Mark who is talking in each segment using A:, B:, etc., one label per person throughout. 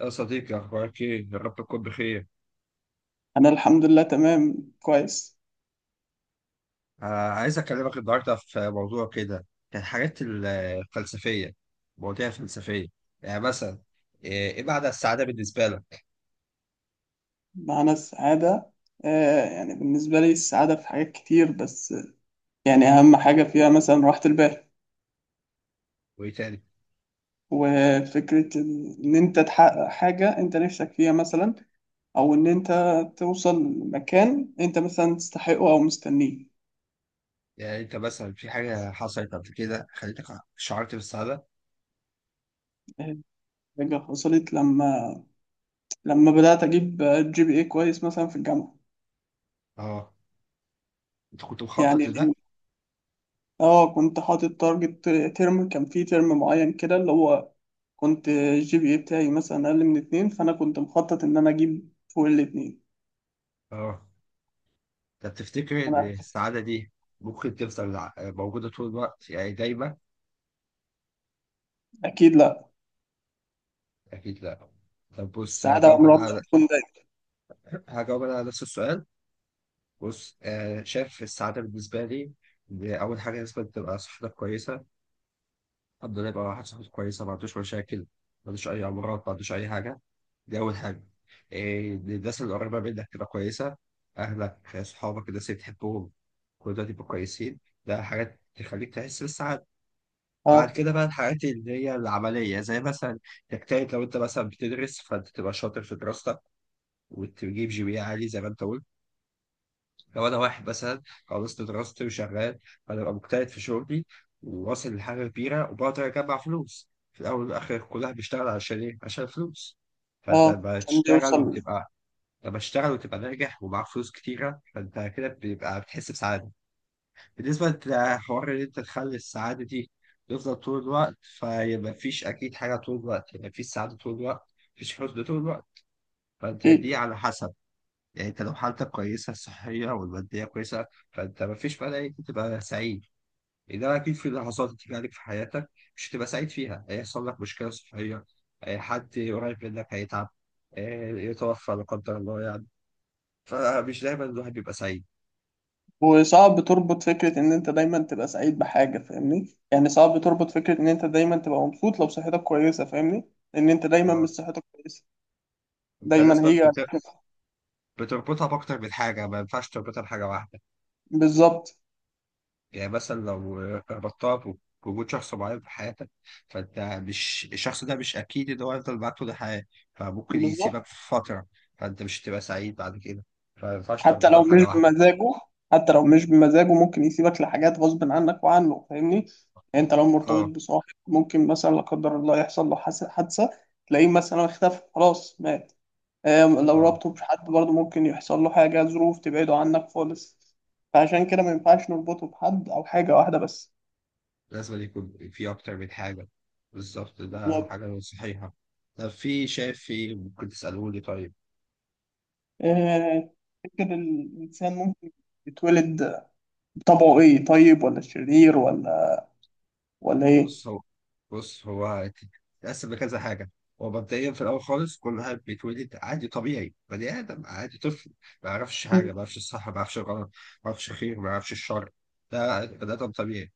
A: يا صديقي أخبارك إيه؟ يا رب تكون بخير.
B: أنا الحمد لله تمام كويس.
A: آه، عايز أكلمك النهاردة في موضوع كده، كان الحاجات الفلسفية، مواضيع فلسفية، يعني مثلا إيه معنى السعادة بالنسبة لك؟
B: معنى السعادة. آه، يعني بالنسبة لي السعادة في حاجات كتير. بس يعني أهم حاجة فيها مثلا راحة البال.
A: وإيه تاني؟
B: وفكرة إن أنت تحقق حاجة أنت نفسك فيها مثلا، أو إن أنت توصل لمكان أنت مثلا تستحقه أو مستنيه.
A: يعني أنت مثلا في حاجة حصلت قبل كده خليتك شعرت بالسعادة؟
B: آه، حاجة حصلت لما بدأت أجيب جي بي إيه كويس مثلا في الجامعة.
A: آه، أنت كنت مخطط
B: يعني
A: لده؟
B: اه كنت حاطط تارجت. كان فيه ترم معين كده اللي هو كنت الجي بي اي بتاعي مثلا اقل من 2، فانا كنت مخطط ان انا اجيب فوق الـ2.
A: آه، طب تفتكر إن
B: انا
A: السعادة دي ممكن تفضل موجودة طول الوقت؟ يعني دايما؟
B: اكيد لا.
A: أكيد لأ. طب بص
B: السعاده
A: هجاوب
B: عمرها
A: أنا
B: ما
A: على
B: تكون دايما.
A: هجاوب أنا على نفس السؤال. بص آه شايف السعادة بالنسبة لي إن أول حاجة لازم تبقى صحتك كويسة، الحمد لله يبقى واحد صحته كويسة، ما عندوش مشاكل، ما عندوش أي أمراض، ما عندوش أي حاجة. دي أول حاجة. إيه، إن الناس اللي قريبة منك تبقى كويسة، أهلك صحابك الناس اللي بتحبهم كل دول يبقوا كويسين. ده حاجات تخليك تحس بالسعادة. بعد
B: اه،
A: كده بقى الحاجات اللي هي العملية، زي مثلا تجتهد، لو أنت مثلا بتدرس فأنت تبقى شاطر في دراستك وتجيب جي بي إيه عالي زي ما أنت قلت. لو انا واحد مثلا خلصت دراستي وشغال، هبقى مجتهد في شغلي وواصل لحاجه كبيره وبقدر اجمع فلوس. في الاول والاخر كلها بيشتغل عشان ايه؟ عشان فلوس. فانت
B: اه،
A: لما
B: عشان دي
A: تشتغل
B: يوصل.
A: وتبقى لما تشتغل وتبقى ناجح ومعاك فلوس كتيره، فانت كده بيبقى بتحس بسعاده. بالنسبه لحوار ان انت تخلي السعاده دي تفضل طول الوقت، فيبقى مفيش اكيد حاجه طول الوقت، يعني مفيش سعاده طول الوقت، مفيش حزن طول الوقت. فانت دي
B: اكيد.
A: على حسب، يعني انت لو حالتك كويسه، الصحيه والماديه كويسه، فانت ما فيش مانع انك تبقى سعيد. انما اكيد في لحظات هتيجي عليك في حياتك مش هتبقى سعيد فيها، هيحصل لك مشكله صحيه، اه، حد قريب منك هيتعب، اه، يتوفى لا قدر الله يعني. فمش دايما الواحد بيبقى سعيد.
B: وصعب تربط فكره ان انت دايما تبقى سعيد بحاجه، فاهمني؟ يعني صعب تربط فكره ان انت دايما تبقى مبسوط لو صحتك كويسه، فاهمني؟ لان انت دايما مش
A: اه.
B: صحتك كويسه،
A: انت
B: دايما
A: لازم
B: هي عليك.
A: بتربطها باكتر من حاجه، ما ينفعش تربطها بحاجه واحده.
B: بالظبط.
A: يعني مثلا لو ربطتها بوجود شخص معين في حياتك، فانت مش الشخص ده مش اكيد ان هو هيفضل معاك طول الحياه، فممكن يسيبك
B: بالظبط.
A: في فتره، فانت مش هتبقى سعيد بعد كده. فما ينفعش
B: حتى
A: تربطها
B: لو
A: بحاجه
B: مش
A: واحده.
B: بمزاجه حتى لو مش بمزاجه ممكن يسيبك لحاجات غصب عنك وعنه، فاهمني؟ يعني انت لو مرتبط
A: اه.
B: بصاحب ممكن مثلا لا قدر الله يحصل له حادثه، تلاقيه مثلا اختفى، خلاص مات. لو
A: اه،
B: رابطه بحد برضه ممكن يحصل له حاجه، ظروف تبعده عنك خالص. فعشان كده ما ينفعش نربطه بحد او حاجه واحده بس.
A: لازم يكون في اكتر من حاجه. بالظبط، ده
B: بالظبط.
A: حاجه صحيحه. طب في شايف في ممكن تسالوني. طيب،
B: آه، تفتكر الانسان ممكن يتولد بطبعه ايه، طيب ولا شرير ولا ايه؟
A: بص هو بص هو تتقسم لكذا حاجة. هو مبدئيا في الأول خالص كل واحد بيتولد عادي طبيعي، بني آدم عادي طفل، ما يعرفش حاجة، ما يعرفش الصح ما يعرفش الغلط، ما يعرفش الخير ما يعرفش الشر. ده بني آدم طبيعي.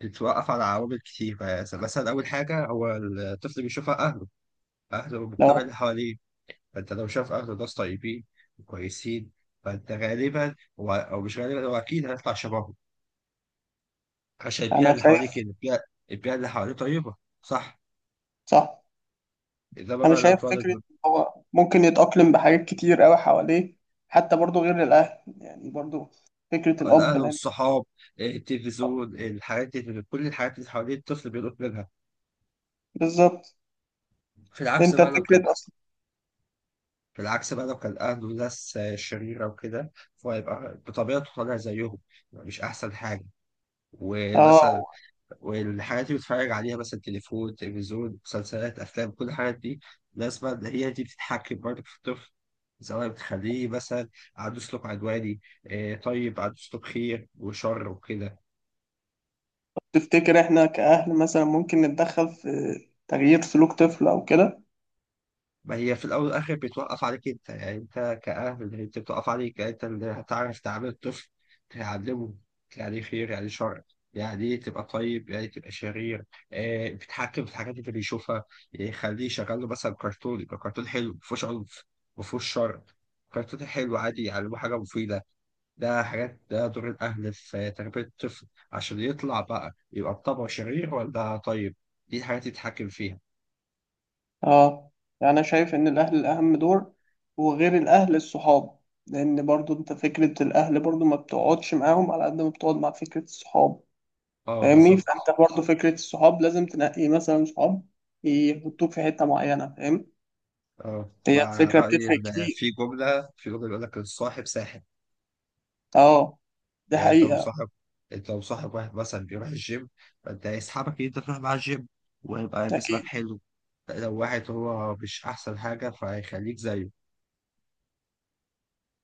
A: بيتوقف على عوامل كتير. يعني مثلا أول حاجة هو الطفل بيشوفها أهله، أهله والمجتمع
B: لو
A: اللي حواليه. فأنت لو شاف أهله ناس طيبين وكويسين، فأنت غالبا هو أو مش غالبا، هو أكيد هيطلع شبههم، عشان البيئة
B: انا
A: اللي
B: شايف
A: حواليه كده، البيئة، البيئة اللي حواليه طيبة، صح.
B: صح.
A: انما
B: انا
A: بقى لو
B: شايف فكره
A: تولد،
B: إن هو ممكن يتاقلم بحاجات كتير قوي حواليه، حتى برضو غير الاهل، يعني برضو فكره الاب.
A: الاهل والصحاب، إيه، التلفزيون، الحاجات اللي، كل الحاجات اللي حوالين الطفل بيلقط منها.
B: بالظبط.
A: في العكس
B: انت
A: بقى لو كان
B: فكره اصلا.
A: في العكس بقى لو كان اهله ناس، آه، شريره وكده، فهيبقى بطبيعته طالع زيهم. يبقى مش احسن حاجه. ومثلا
B: اه.
A: والحاجات اللي بيتفرج عليها، مثلا تليفون تلفزيون مسلسلات افلام، كل الحاجات دي لازم بقى هي دي بتتحكم برضه في الطفل، سواء بتخليه مثلا عنده سلوك عدواني، آه، طيب، عنده سلوك خير وشر وكده.
B: تفتكر احنا كاهل مثلا ممكن نتدخل في تغيير سلوك طفل او كده؟
A: ما هي في الاول والاخر بتوقف عليك انت، يعني انت كاهل، هي بتوقف عليك. يعني انت اللي هتعرف تعامل الطفل، تعلمه يعني خير يعني شر، يعني ايه تبقى طيب يعني تبقى شرير. آه، بتحكم في الحاجات اللي بيشوفها، يعني خليه يشغل له مثلا كرتون يبقى كرتون حلو مفهوش عنف، مفهوش شر، كرتون حلو عادي يعلمه حاجة مفيدة. ده حاجات، ده دور الأهل في تربية الطفل عشان يطلع بقى يبقى بطبعه شرير ولا طيب. دي الحاجات اللي يتحكم فيها.
B: اه. يعني انا شايف ان الاهل الاهم دور، وغير الاهل الصحاب. لان برضو انت فكره الاهل برضو ما بتقعدش معاهم على قد ما بتقعد مع فكره الصحاب.
A: اه،
B: فاهمني؟
A: بالظبط.
B: فانت برضه فكره الصحاب لازم تنقي مثلا صحاب يحطوك في حته معينه، فاهم؟
A: اه،
B: هي
A: مع
B: الفكره
A: رأيي
B: بتفرق
A: إن
B: كتير.
A: في جملة بيقول لك الصاحب ساحب.
B: اه، دي
A: يعني
B: حقيقه.
A: أنت لو صاحب واحد مثلا بيروح الجيم، فأنت هيسحبك إن أنت تروح مع الجيم ويبقى جسمك
B: اكيد.
A: حلو. لو واحد هو مش أحسن حاجة فهيخليك زيه.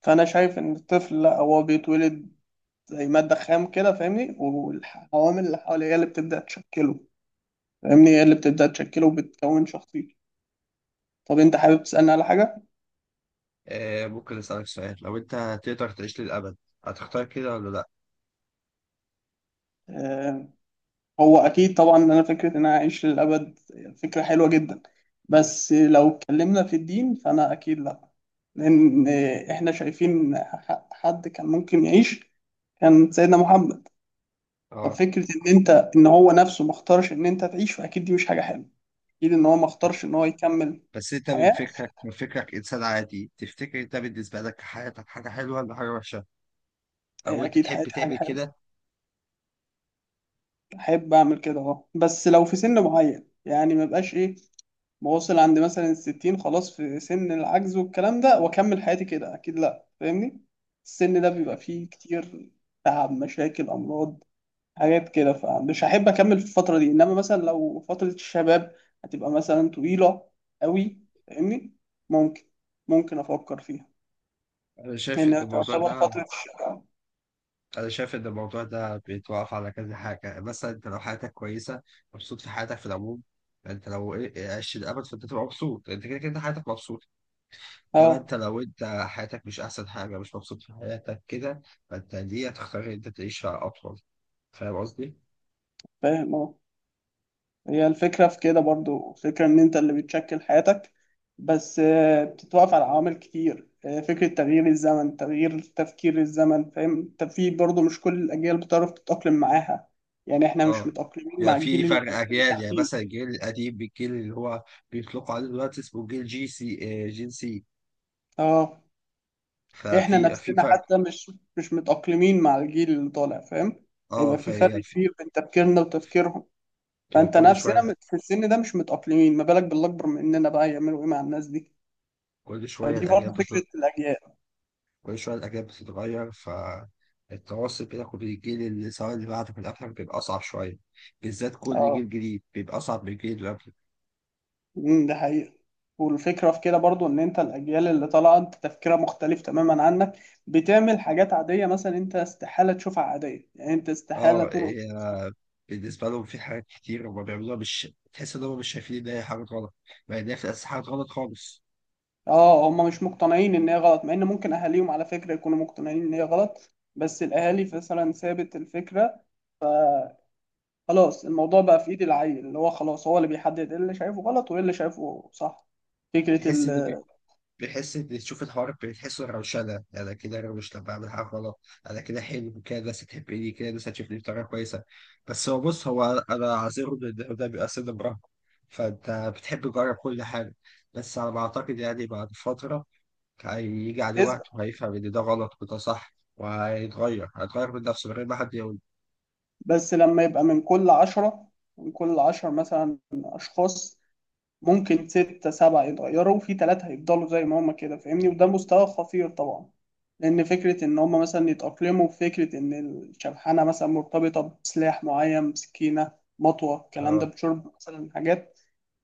B: فانا شايف ان الطفل لا، هو بيتولد زي ماده خام كده، فاهمني؟ والعوامل اللي حواليه هي اللي بتبدا تشكله، فاهمني؟ هي اللي بتبدا تشكله وبتكون شخصيته. طب انت حابب تسالني على حاجه؟
A: آه، ممكن أسألك سؤال؟ لو أنت هتقدر تعيش للأبد هتختار كده ولا لأ؟
B: آه، هو اكيد طبعا ان انا فكره ان انا اعيش للابد فكره حلوه جدا، بس لو اتكلمنا في الدين فانا اكيد لا. لان احنا شايفين حد كان ممكن يعيش، كان سيدنا محمد.
A: اه،
B: ففكره ان ان هو نفسه ما اختارش ان انت تعيش، فاكيد دي مش حاجه حلوه. اكيد ان هو ما
A: بس
B: اختارش ان هو يكمل.
A: بس أنت من
B: حياه.
A: فكرك، من فكرك إنسان عادي، تفتكر أنت بالنسبة لك حياتك حاجة حلوة ولا حاجة وحشة؟ أو أنت
B: اكيد
A: تحب
B: حياتي حاجه
A: تعمل
B: حلوه،
A: كده؟
B: احب اعمل كده. اه بس لو في سن معين، يعني ما بقاش ايه، واوصل عند مثلا الـ60 خلاص في سن العجز والكلام ده واكمل حياتي كده، اكيد لا، فاهمني؟ السن ده بيبقى فيه كتير تعب، مشاكل، امراض، حاجات كده، فمش هحب اكمل في الفتره دي. انما مثلا لو فتره الشباب هتبقى مثلا طويله قوي، فاهمني؟ ممكن افكر فيها،
A: أنا شايف إن
B: لان
A: الموضوع
B: تعتبر
A: ده
B: فتره الشباب.
A: أنا شايف إن الموضوع ده بيتوقف على كذا حاجة. مثلا أنت لو حياتك كويسة، مبسوط في حياتك في العموم، يعني أنت لو إيه، عشت الأبد فأنت تبقى مبسوط، يعني أنت كده كده حياتك مبسوطة. إنما أنت
B: اه.
A: لو أنت حياتك مش أحسن حاجة، مش مبسوط في حياتك كده، فأنت دي هتختار إن أنت تعيشها أطول. فاهم قصدي؟
B: فاهم، اه. هي الفكرة في كده برضو فكرة إن أنت اللي بتشكل حياتك، بس بتتوقف على عوامل كتير. فكرة تغيير الزمن، تغيير تفكير الزمن، فاهم؟ أنت في برضو مش كل الأجيال بتعرف تتأقلم معاها. يعني إحنا مش
A: أه.
B: متأقلمين مع
A: يعني في
B: الجيل
A: فرق
B: اللي
A: أجيال، يعني
B: تحتينا.
A: مثلا الجيل القديم بالجيل اللي هو بيطلقوا عليه دلوقتي اسمه جيل جي سي إيه، جين سي.
B: أه، إحنا
A: ففي في
B: نفسنا
A: فرق.
B: حتى مش متأقلمين مع الجيل اللي طالع، فاهم؟
A: أه.
B: هيبقى في فرق كبير بين تفكيرنا وتفكيرهم. فأنت
A: كل
B: نفسنا
A: شوية
B: في السن ده مش متأقلمين، ما بالك بالأكبر مننا بقى، يعملوا إيه مع الناس دي؟
A: كل شوية
B: فدي
A: الأجيال
B: برضو
A: بتطلع،
B: فكرة الأجيال.
A: كل شوية الأجيال بتتغير، فالتواصل بينك وبين الجيل اللي، سواء اللي بعدك واللي قبلك، بيبقى أصعب شوية. بالذات كل
B: اه.
A: جيل جديد بيبقى أصعب من الجيل اللي قبله.
B: ده حقيقة. والفكرة في كده برضو ان انت الاجيال اللي طالعة انت تفكيرها مختلف تماما عنك، بتعمل حاجات عادية مثلا انت استحالة تشوفها عادية. يعني انت استحالة
A: اه،
B: ترقص
A: إيه،
B: مثلاً.
A: بالنسبة لهم في حاجات كتير هما بيعملوها مش تحس إن هما مش شايفين إن هي حاجة غلط، مع إن هي في الأساس حاجة غلط خالص.
B: اه، هم مش مقتنعين ان هي غلط، مع ان ممكن اهاليهم على فكرة يكونوا مقتنعين ان هي غلط، بس الاهالي مثلا سابت الفكرة. خلاص الموضوع بقى في ايد العيل، اللي هو خلاص هو اللي بيحدد ايه اللي شايفه غلط وايه اللي شايفه صح. فكرة
A: تحس إن
B: ال-
A: بحس ان، تشوف الحوار بتحسه روشنه، انا كده روش لما بعمل حاجه غلط، انا كده حلو كده الناس تحبني كده، الناس هتشوفني بطريقه كويسه. بس هو انا عذره ان ده بيبقى سن مراهقه، فانت بتحب تجرب كل حاجه. بس على ما اعتقد، يعني بعد فتره هيجي عليه وقت
B: هتثبت.
A: وهيفهم ان ده غلط وده صح، وهيتغير، من نفسه من غير ما حد يقول.
B: بس لما يبقى من كل 10 مثلا اشخاص، ممكن ستة سبعة يتغيروا، وفي 3 هيفضلوا زي ما هما كده، فاهمني؟ وده مستوى خطير طبعا. لأن فكرة إن هما مثلا يتأقلموا بفكرة إن الشبحانة مثلا مرتبطة بسلاح معين، بسكينة، مطوة، الكلام ده،
A: اه،
B: بشرب مثلا حاجات.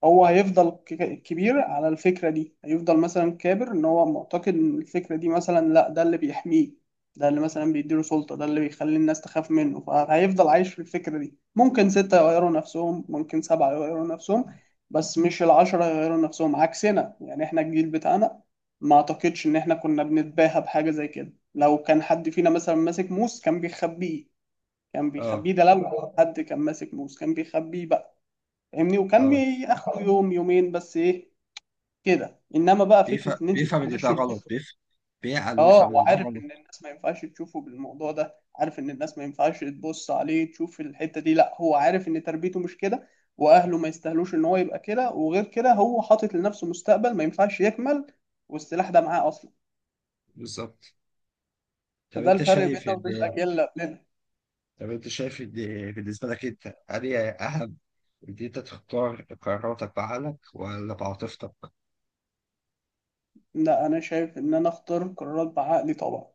B: هو هيفضل كبير على الفكرة دي، هيفضل مثلا كابر ان هو معتقد ان الفكرة دي، مثلا لا، ده اللي بيحميه، ده اللي مثلا بيديله سلطة، ده اللي بيخلي الناس تخاف منه، فهيفضل عايش في الفكرة دي. ممكن ستة يغيروا نفسهم، ممكن سبعة يغيروا نفسهم، بس مش الـ10 يغيروا نفسهم. عكسنا يعني احنا الجيل بتاعنا ما اعتقدش ان احنا كنا بنتباهى بحاجة زي كده. لو كان حد فينا مثلا ماسك موس كان بيخبيه.
A: اه،
B: ده لو حد كان ماسك موس كان بيخبيه بقى، فاهمني؟ وكان
A: اه،
B: بياخد يوم، يومين، بس ايه كده. انما بقى
A: بيفهم
B: فكره ان انت
A: بيفهم ان
B: تخش
A: ده غلط،
B: تبص.
A: بيفهم، بيعقل
B: اه،
A: ويفهم ان ده
B: وعارف
A: غلط.
B: ان الناس ما ينفعش تشوفه بالموضوع ده، عارف ان الناس ما ينفعش تبص عليه تشوف الحته دي. لا، هو عارف ان تربيته مش كده، واهله ما يستاهلوش ان هو يبقى كده. وغير كده هو حاطط لنفسه مستقبل ما ينفعش يكمل، والسلاح ده معاه اصلا.
A: بالظبط. طب
B: فده
A: انت
B: الفرق
A: شايف
B: بيننا وبين
A: ان
B: الاجيال اللي قبلنا.
A: طب انت شايف ان بالنسبه لك انت انهي اهم، ان انت تختار قراراتك بعقلك ولا بعاطفتك؟
B: لا، انا شايف ان انا اختار قرارات بعقلي طبعا.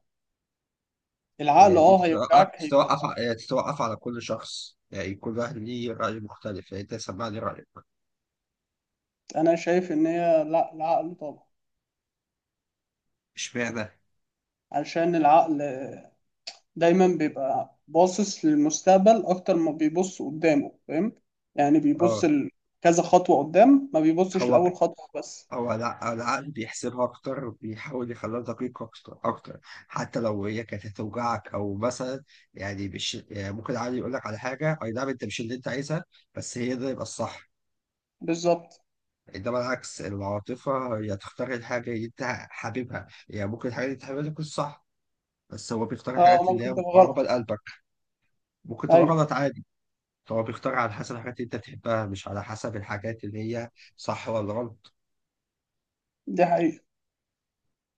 B: العقل
A: هي دي تتوقف،
B: هيوجعك، هيبقى
A: تتوقف على كل شخص، يعني كل واحد ليه راي مختلف، يعني انت سمعني رايك.
B: انا شايف ان هي، لا العقل طبعا.
A: اشمعنى؟
B: علشان العقل دايما بيبقى باصص للمستقبل أكتر ما بيبص قدامه، فاهم؟ يعني بيبص
A: اه.
B: كذا خطوة قدام، ما بيبصش
A: هو ب...
B: لأول خطوة بس.
A: العقل بيحسبها اكتر وبيحاول يخليها دقيقه اكتر اكتر، حتى لو هي كانت هتوجعك او مثلا، يعني مش، يعني ممكن العقل يقول لك على حاجه اي نعم انت مش اللي انت عايزها، بس هي ده يبقى الصح.
B: بالظبط.
A: انما العكس العاطفه، هي تختار الحاجه اللي انت حاببها، يعني ممكن الحاجه اللي انت حاببها دي تكون صح، بس هو بيختار
B: اه،
A: الحاجات اللي هي
B: ممكن تبقى غلط.
A: مقربه لقلبك. ممكن تبقى
B: أيوه.
A: غلط عادي. هو بيختار على حسب الحاجات اللي انت بتحبها، مش على حسب الحاجات اللي هي صح ولا غلط.
B: دي حقيقة.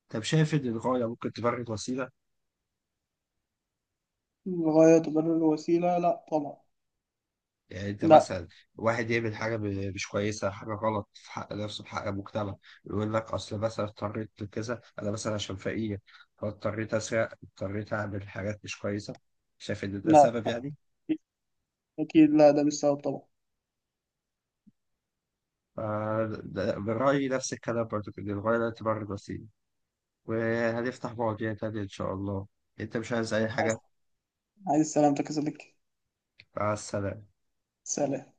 A: طب شايف ان الغايه ممكن تبرر وسيله؟
B: الغاية تبرر الوسيلة، لا طبعا.
A: يعني انت
B: لا.
A: مثلا واحد يعمل حاجه مش كويسه، حاجه غلط في حق نفسه في حق المجتمع، يقول لك اصل مثلا اضطريت لكذا، انا مثلا عشان فقير فاضطريت اسرق، اضطريت اعمل حاجات مش كويسه، شايف ان ده
B: لا،
A: سبب يعني؟
B: أكيد لا، ده مش سبب طبعا.
A: ف- برأيي نفس الكلام برضو، إن الغاية لا تبرر الوسيلة. وهنفتح مواضيع تانية إن شاء الله. أنت مش عايز أي
B: عايز،
A: حاجة؟
B: عايز سلامتك يا صديقي.
A: مع السلامة.
B: سلام.